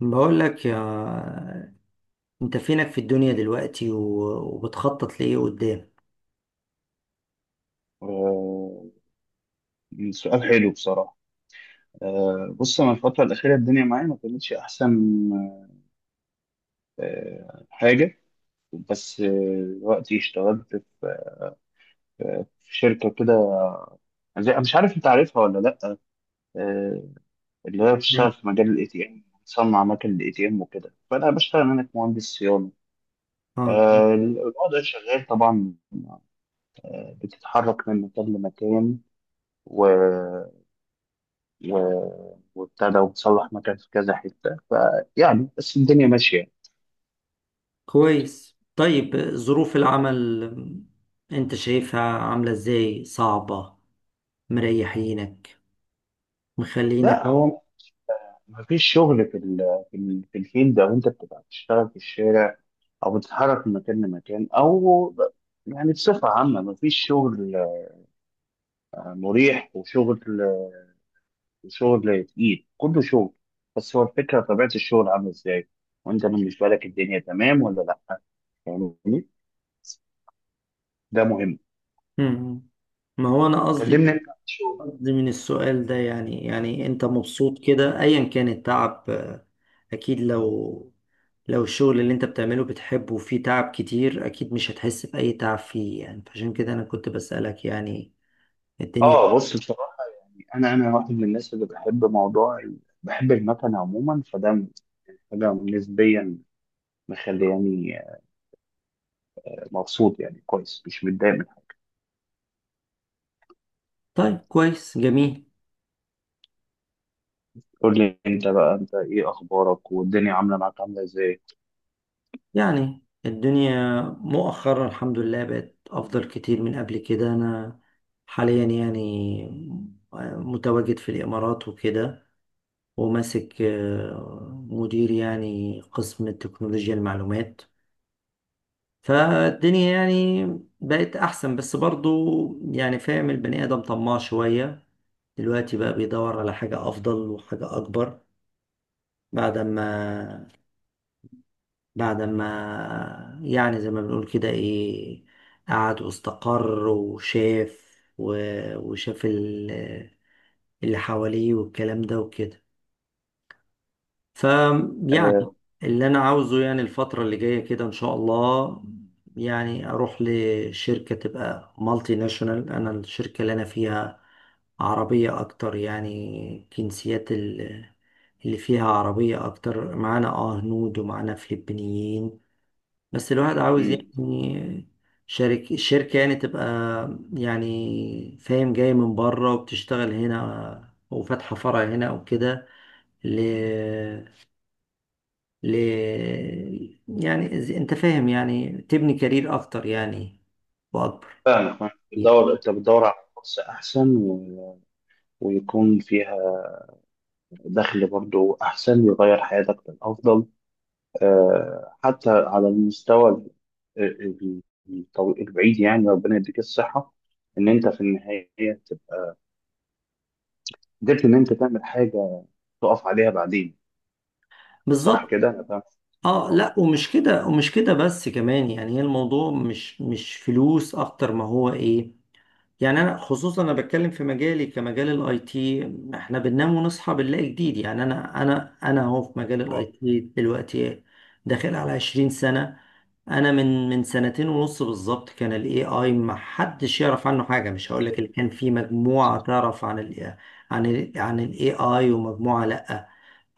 بقول لك يا، انت فينك في الدنيا دلوقتي وبتخطط لايه قدام؟ آه، سؤال حلو بصراحة. بص أنا الفترة الأخيرة الدنيا معايا ما كانتش أحسن حاجة. بس دلوقتي اشتغلت في في شركة كده مش عارف أنت عارفها ولا لأ. آه، اللي هي نعم. بتشتغل في مجال الاي تي ام، بتصنع اماكن الاي تي ام وكده، فأنا بشتغل هناك مهندس صيانة. اه، الوضع شغال طبعا، بتتحرك من مكان لمكان وابتدى وتصلح مكان في كذا حتة، فيعني بس الدنيا ماشية. كويس، طيب ظروف العمل انت شايفها عاملة ازاي؟ صعبة؟ مريحينك؟ مخلينك؟ لا، هو مفيش شغل في الفيلد، أو أنت بتبقى بتشتغل في الشارع أو بتتحرك من مكان لمكان يعني بصفة عامة مفيش شغل مريح، وشغل تقيل، كله شغل. بس هو الفكرة طبيعة الشغل عاملة إزاي، وأنت بالنسبة لك الدنيا تمام ولا لأ، فاهمني؟ ده مهم. مم. ما هو انا قصدي كلمني أنت عن الشغل. قصدي من السؤال ده يعني انت مبسوط كده ايا كان التعب، اكيد لو الشغل اللي انت بتعمله بتحبه وفيه تعب كتير اكيد مش هتحس بأي تعب فيه يعني، فعشان كده انا كنت بسألك يعني الدنيا. آه، بص، انا واحد من الناس اللي بحب بحب المكن عموما، فده حاجه نسبيا مخلياني مبسوط، يعني كويس مش متضايق منها. طيب، كويس، جميل. قول لي انت بقى، انت ايه اخبارك، والدنيا عامله معاك عامله ازاي؟ يعني الدنيا مؤخرا الحمد لله بقت افضل كتير من قبل كده، انا حاليا يعني متواجد في الامارات وكده، وماسك مدير يعني قسم تكنولوجيا المعلومات، فالدنيا يعني بقت أحسن بس برضو يعني، فاهم، البني آدم طماع شوية، دلوقتي بقى بيدور على حاجة أفضل وحاجة أكبر بعد ما، يعني زي ما بنقول كده إيه، قعد واستقر وشاف اللي حواليه والكلام ده وكده، فيعني آه، اللي انا عاوزه يعني الفترة اللي جاية كده ان شاء الله، يعني اروح لشركة تبقى مالتي ناشونال. انا الشركة اللي انا فيها عربية اكتر، يعني جنسيات اللي فيها عربية اكتر، معانا اه هنود ومعانا فلبينيين، بس الواحد عاوز امم، يعني شركة، الشركة يعني تبقى، يعني فاهم، جاي من بره وبتشتغل هنا وفاتحة فرع هنا او كده، ل... يعني انت فاهم، يعني تبني كارير اكتر يعني واكبر. فاهمك فاهمك. بتدور، انت بتدور على فرصه احسن ويكون فيها دخل برضو احسن، يغير حياتك للافضل. حتى على ال- البعيد، يعني ربنا يديك الصحه ان انت في النهايه قدرت ان انت تعمل حاجه تقف عليها بعدين. صح بالظبط. كده انا فاهم؟ اه لا، ومش كده ومش كده بس كمان يعني، هي الموضوع مش فلوس اكتر ما هو ايه، يعني انا خصوصا انا بتكلم في مجالي كمجال الاي تي، احنا بننام ونصحى بنلاقي جديد، يعني انا اهو في مجال الاي تي دلوقتي داخل على 20 سنة. انا من سنتين ونص بالظبط كان الاي اي ما حدش يعرف عنه حاجة، مش هقول لك اللي كان في مجموعة تعرف عن ال عن ال عن الاي اي ومجموعة لا،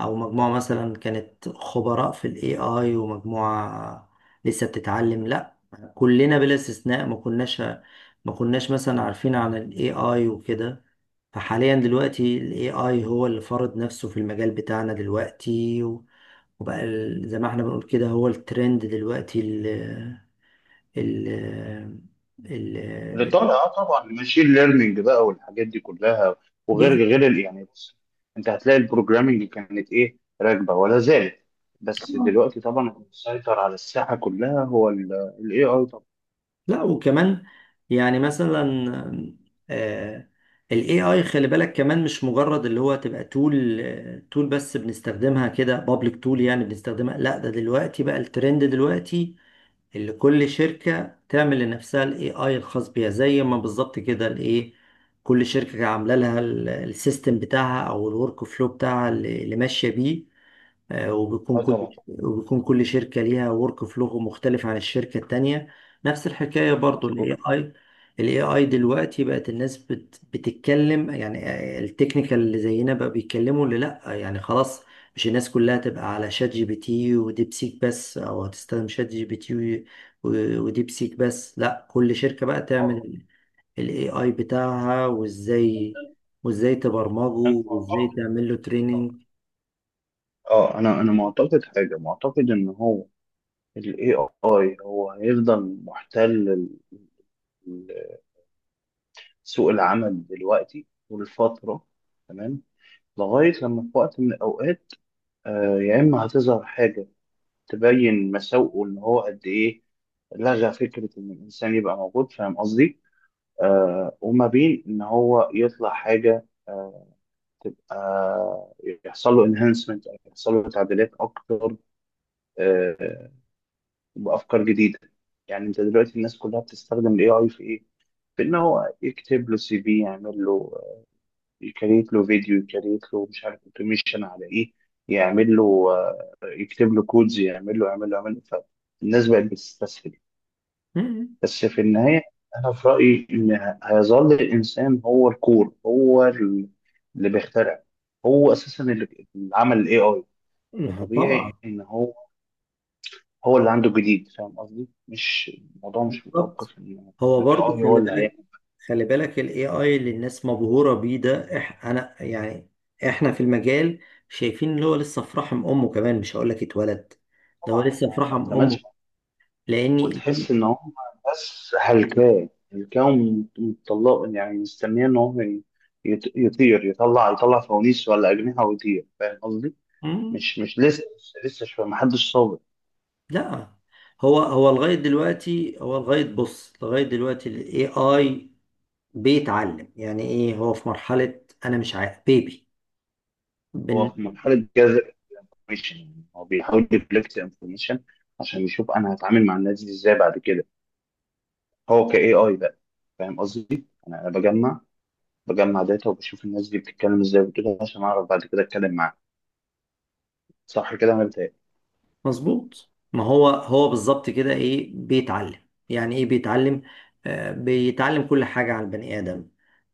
او مجموعة مثلا كانت خبراء في الاي اي ومجموعة لسه بتتعلم لا، كلنا بلا استثناء ما كناش، مثلا عارفين عن الاي اي وكده، فحاليا دلوقتي الاي اي هو اللي فرض نفسه في المجال بتاعنا دلوقتي، وبقى زي ما احنا بنقول كده هو الترند دلوقتي ال ال ال اللي طالع، اه طبعا، ماشين ليرنينج بقى والحاجات دي كلها. وغير غير يعني بص، انت هتلاقي البروجرامينج كانت ايه راكبه، ولا زالت، بس دلوقتي طبعا اللي مسيطر على الساحه كلها هو الاي اي طبعا. لا. وكمان يعني مثلا، آه، ال AI خلي بالك كمان مش مجرد اللي هو تبقى تول، تول بس بنستخدمها كده بابليك تول يعني بنستخدمها، لا ده دلوقتي بقى الترند دلوقتي اللي كل شركة تعمل لنفسها ال AI الخاص بيها، زي ما بالظبط كده الايه، كل شركة عاملة لها السيستم بتاعها او الورك فلو بتاعها اللي ماشية بيه، آه، وبيكون اه كل طبعا، وبيكون كل شركة ليها ورك فلو مختلف عن الشركة التانية. نفس الحكاية برضو مظبوط. ال AI، ال AI دلوقتي بقت الناس بتتكلم يعني، التكنيكال اللي زينا بقى بيتكلموا، اللي لأ يعني خلاص، مش الناس كلها تبقى على شات جي بي تي وديبسيك بس أو هتستخدم شات جي بي تي وديبسيك بس، لأ كل شركة بقى تعمل اه، ال AI بتاعها، وإزاي أنا تبرمجه وإزاي معتقد- تعمل له تريننج. انا معتقد حاجه، معتقد ان هو الاي اي هو هيفضل محتل سوق العمل دلوقتي والفترة، تمام، لغاية لما في وقت من الأوقات يا إما هتظهر حاجة تبين مساوئه إن هو قد إيه لغى فكرة إن الإنسان يبقى موجود، فاهم قصدي؟ وما بين إن هو يطلع حاجة تبقى، يحصل له انهانسمنت، أو يحصل له تعديلات أكتر آه، بأفكار جديدة. يعني أنت دلوقتي الناس كلها بتستخدم ال AI في إيه؟ في إن هو يكتب له سي في، يعمل له، يكريت له فيديو، يكريت له مش عارف اوتوميشن على ايه، يعمل له يكتب له كودز، يعمل له يعمل له. فالناس بقت بتستسهل، بس في النهاية أنا في رأيي إن هيظل الإنسان هو الكور، اللي بيخترع. هو أساسا اللي عمل ال AI، طبعا. فطبيعي إن هو اللي عنده جديد، فاهم قصدي؟ مش الموضوع، مش بالظبط. متوقف إن ال هو برضو AI هو خلي اللي بالك، هيعمل الاي اي اللي الناس مبهوره بيه ده، انا يعني احنا في المجال شايفين اللي هو لسه في رحم امه، كمان مش هقول لك اتولد، ده هو طبعا. لسه في ما رحم اكتملش. امه، لاني لأن- وتحس ان هم بس هلكاه، مطلق، يعني مستنيه ان يطير، يطلع فوانيس ولا اجنحه ويطير، فاهم قصدي؟ مم، مش لسه، لسه شويه، ما حدش صابر. لا، هو لغايه دلوقتي هو لغايه بص لغايه دلوقتي الاي اي بيتعلم، يعني ايه هو في مرحله، انا مش عارف، بيبي. هو في مرحله جاذب انفورميشن، يعني هو بيحاول يكولكت انفورميشن عشان يشوف انا هتعامل مع الناس دي ازاي بعد كده. هو كاي اي بقى، فاهم قصدي؟ أنا بجمع داتا، وبشوف الناس دي بتتكلم ازاي وبتقول إيه، عشان اعرف بعد كده اتكلم معاها. صح كده انا بتهيألي. مظبوط. ما هو هو بالظبط كده ايه بيتعلم، يعني ايه بيتعلم، بيتعلم كل حاجة عن البني آدم،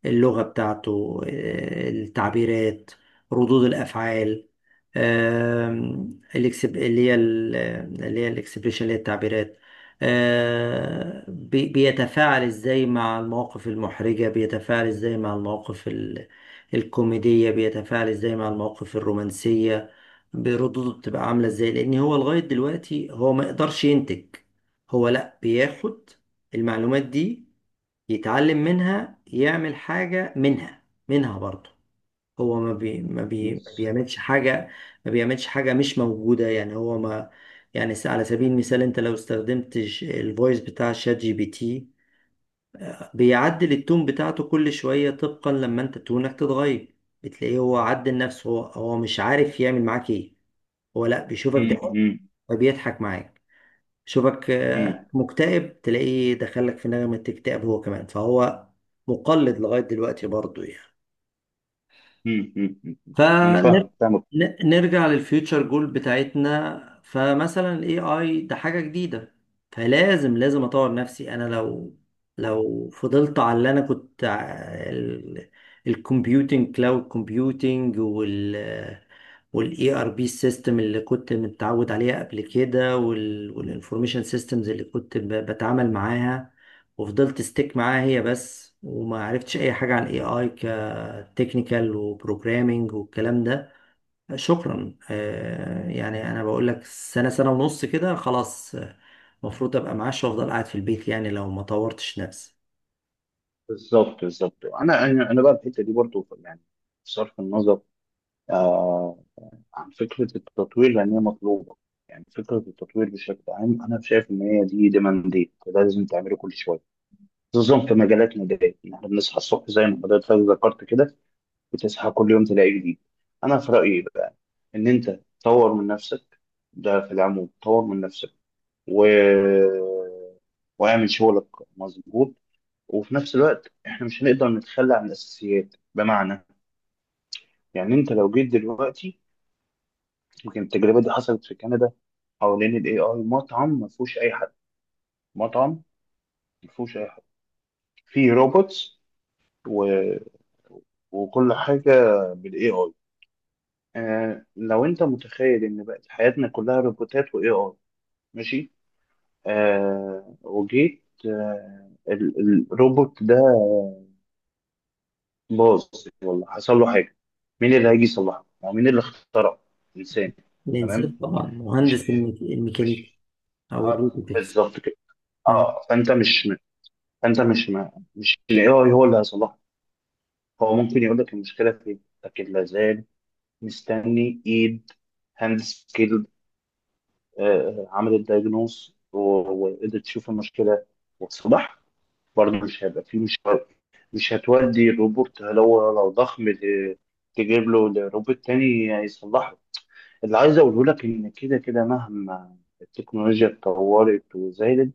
اللغة بتاعته، التعبيرات، ردود الأفعال، آم، الإكسب- اللي هي ال- اللي هي الاكسبريشن اللي هي التعبيرات، بيتفاعل ازاي مع المواقف المحرجة، بيتفاعل ازاي مع المواقف الكوميدية، بيتفاعل ازاي مع المواقف الرومانسية، بردوده بتبقى عاملة ازاي، لان هو لغاية دلوقتي هو ما يقدرش ينتج، هو لا بياخد المعلومات دي يتعلم منها يعمل حاجة منها، منها برضه، هو مم. ما بيعملش حاجة مش موجودة يعني، هو ما يعني على سبيل المثال انت لو استخدمت الفويس بتاع شات جي بي تي، بيعدل التون بتاعته كل شوية طبقا لما انت تونك تتغير، بتلاقيه هو عدل نفسه، هو مش عارف يعمل معاك ايه، هو لا بيشوفك ده مم. فبيضحك معاك، شوفك مم. مكتئب تلاقيه دخلك في نغمة اكتئاب هو كمان، فهو مقلد لغاية دلوقتي برضو يعني، مم، مم، مم. انا فاهم، فاهمك. فنرجع للفيوتشر جول بتاعتنا، فمثلا الاي اي ده حاجة جديدة، فلازم، لازم اطور نفسي. انا لو فضلت على اللي انا كنت، الكمبيوتنج، كلاود كومبيوتنج، والاي ار بي سيستم اللي كنت متعود عليها قبل كده، والانفورميشن سيستمز اللي كنت بتعامل معاها، وفضلت ستيك معاها هي بس وما عرفتش اي حاجه عن اي اي كتكنيكال وبروجرامينج والكلام ده، شكرا، يعني انا بقول لك سنه، سنه ونص كده، خلاص، المفروض ابقى معاش وافضل قاعد في البيت، يعني لو ما طورتش نفسي. بالظبط بالظبط. انا انا أنا بقى الحته دي برضو يعني، بصرف النظر آه عن فكره التطوير لان هي مطلوبه، يعني فكره التطوير بشكل عام، انا شايف ان هي دي ديمانديت، ده لازم تعمله كل شويه، خصوصا في مجالاتنا دي، إن احنا بنصحى الصبح زي ما حضرتك ذكرت كده، بتصحى كل يوم تلاقي جديد. انا في رايي بقى ان انت تطور من نفسك، ده في العموم طور من نفسك، و واعمل شغلك، مظبوط. وفي نفس الوقت احنا مش هنقدر نتخلى عن الاساسيات. بمعنى، يعني انت لو جيت دلوقتي، يمكن التجربه دي حصلت في كندا، حوالين الاي اي، مطعم ما فيهوش اي حد، مطعم ما فيهوش اي حد، فيه روبوتس و... وكل حاجه بالاي اي. آه لو انت متخيل ان بقت حياتنا كلها روبوتات واي اي، ماشي، آه وجيت، الروبوت ده باظ، والله حصل له حاجه، مين اللي هيجي يصلحه؟ ما هو مين اللي اخترع؟ انسان. الانسان تمام؟ طبعا، مش مهندس الميكانيكي مش او الروبوتكس. بالظبط كده. آه، اه فانت مش الاي اي هو اللي هيصلحه. هو ممكن يقول لك المشكله فين، لكن لا زال مستني ايد، هاند سكيلد، عملت دايجنوس وقدرت تشوف المشكله وتصلحها. برضه مش هيبقى فيه مش مش هتودي الروبوت، لو ضخم، تجيب له روبوت تاني يصلحه. اللي عايز اقوله لك ان كده كده مهما التكنولوجيا اتطورت وزادت،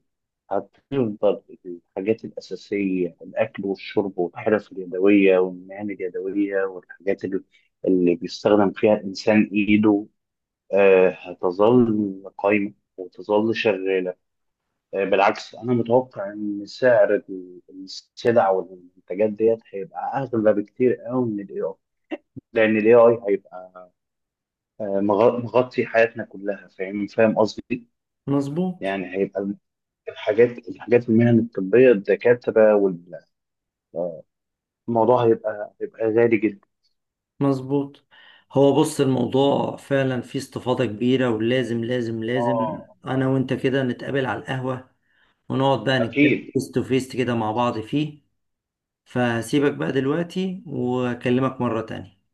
هتفضل الحاجات الأساسية، الأكل والشرب والحرف اليدوية والمهن اليدوية، اللي بيستخدم فيها الإنسان إيده هتظل قايمة وتظل شغالة. بالعكس، أنا متوقع إن سعر السلع والمنتجات ديت هيبقى أغلى بكتير قوي من ال AI، لأن ال AI هيبقى مغطي حياتنا كلها، فاهم فاهم قصدي؟ مظبوط، يعني هيبقى الحاجات في المهن الطبية، الدكاترة، والموضوع هيبقى غالي جدا. مظبوط. هو بص الموضوع فعلا فيه استفاضة كبيرة ولازم، لازم، لازم اه أنا وأنت كده نتقابل على القهوة ونقعد بقى نتكلم اكيد. فيس تو فيس كده مع بعض فيه، فسيبك بقى دلوقتي وأكلمك مرة تانية.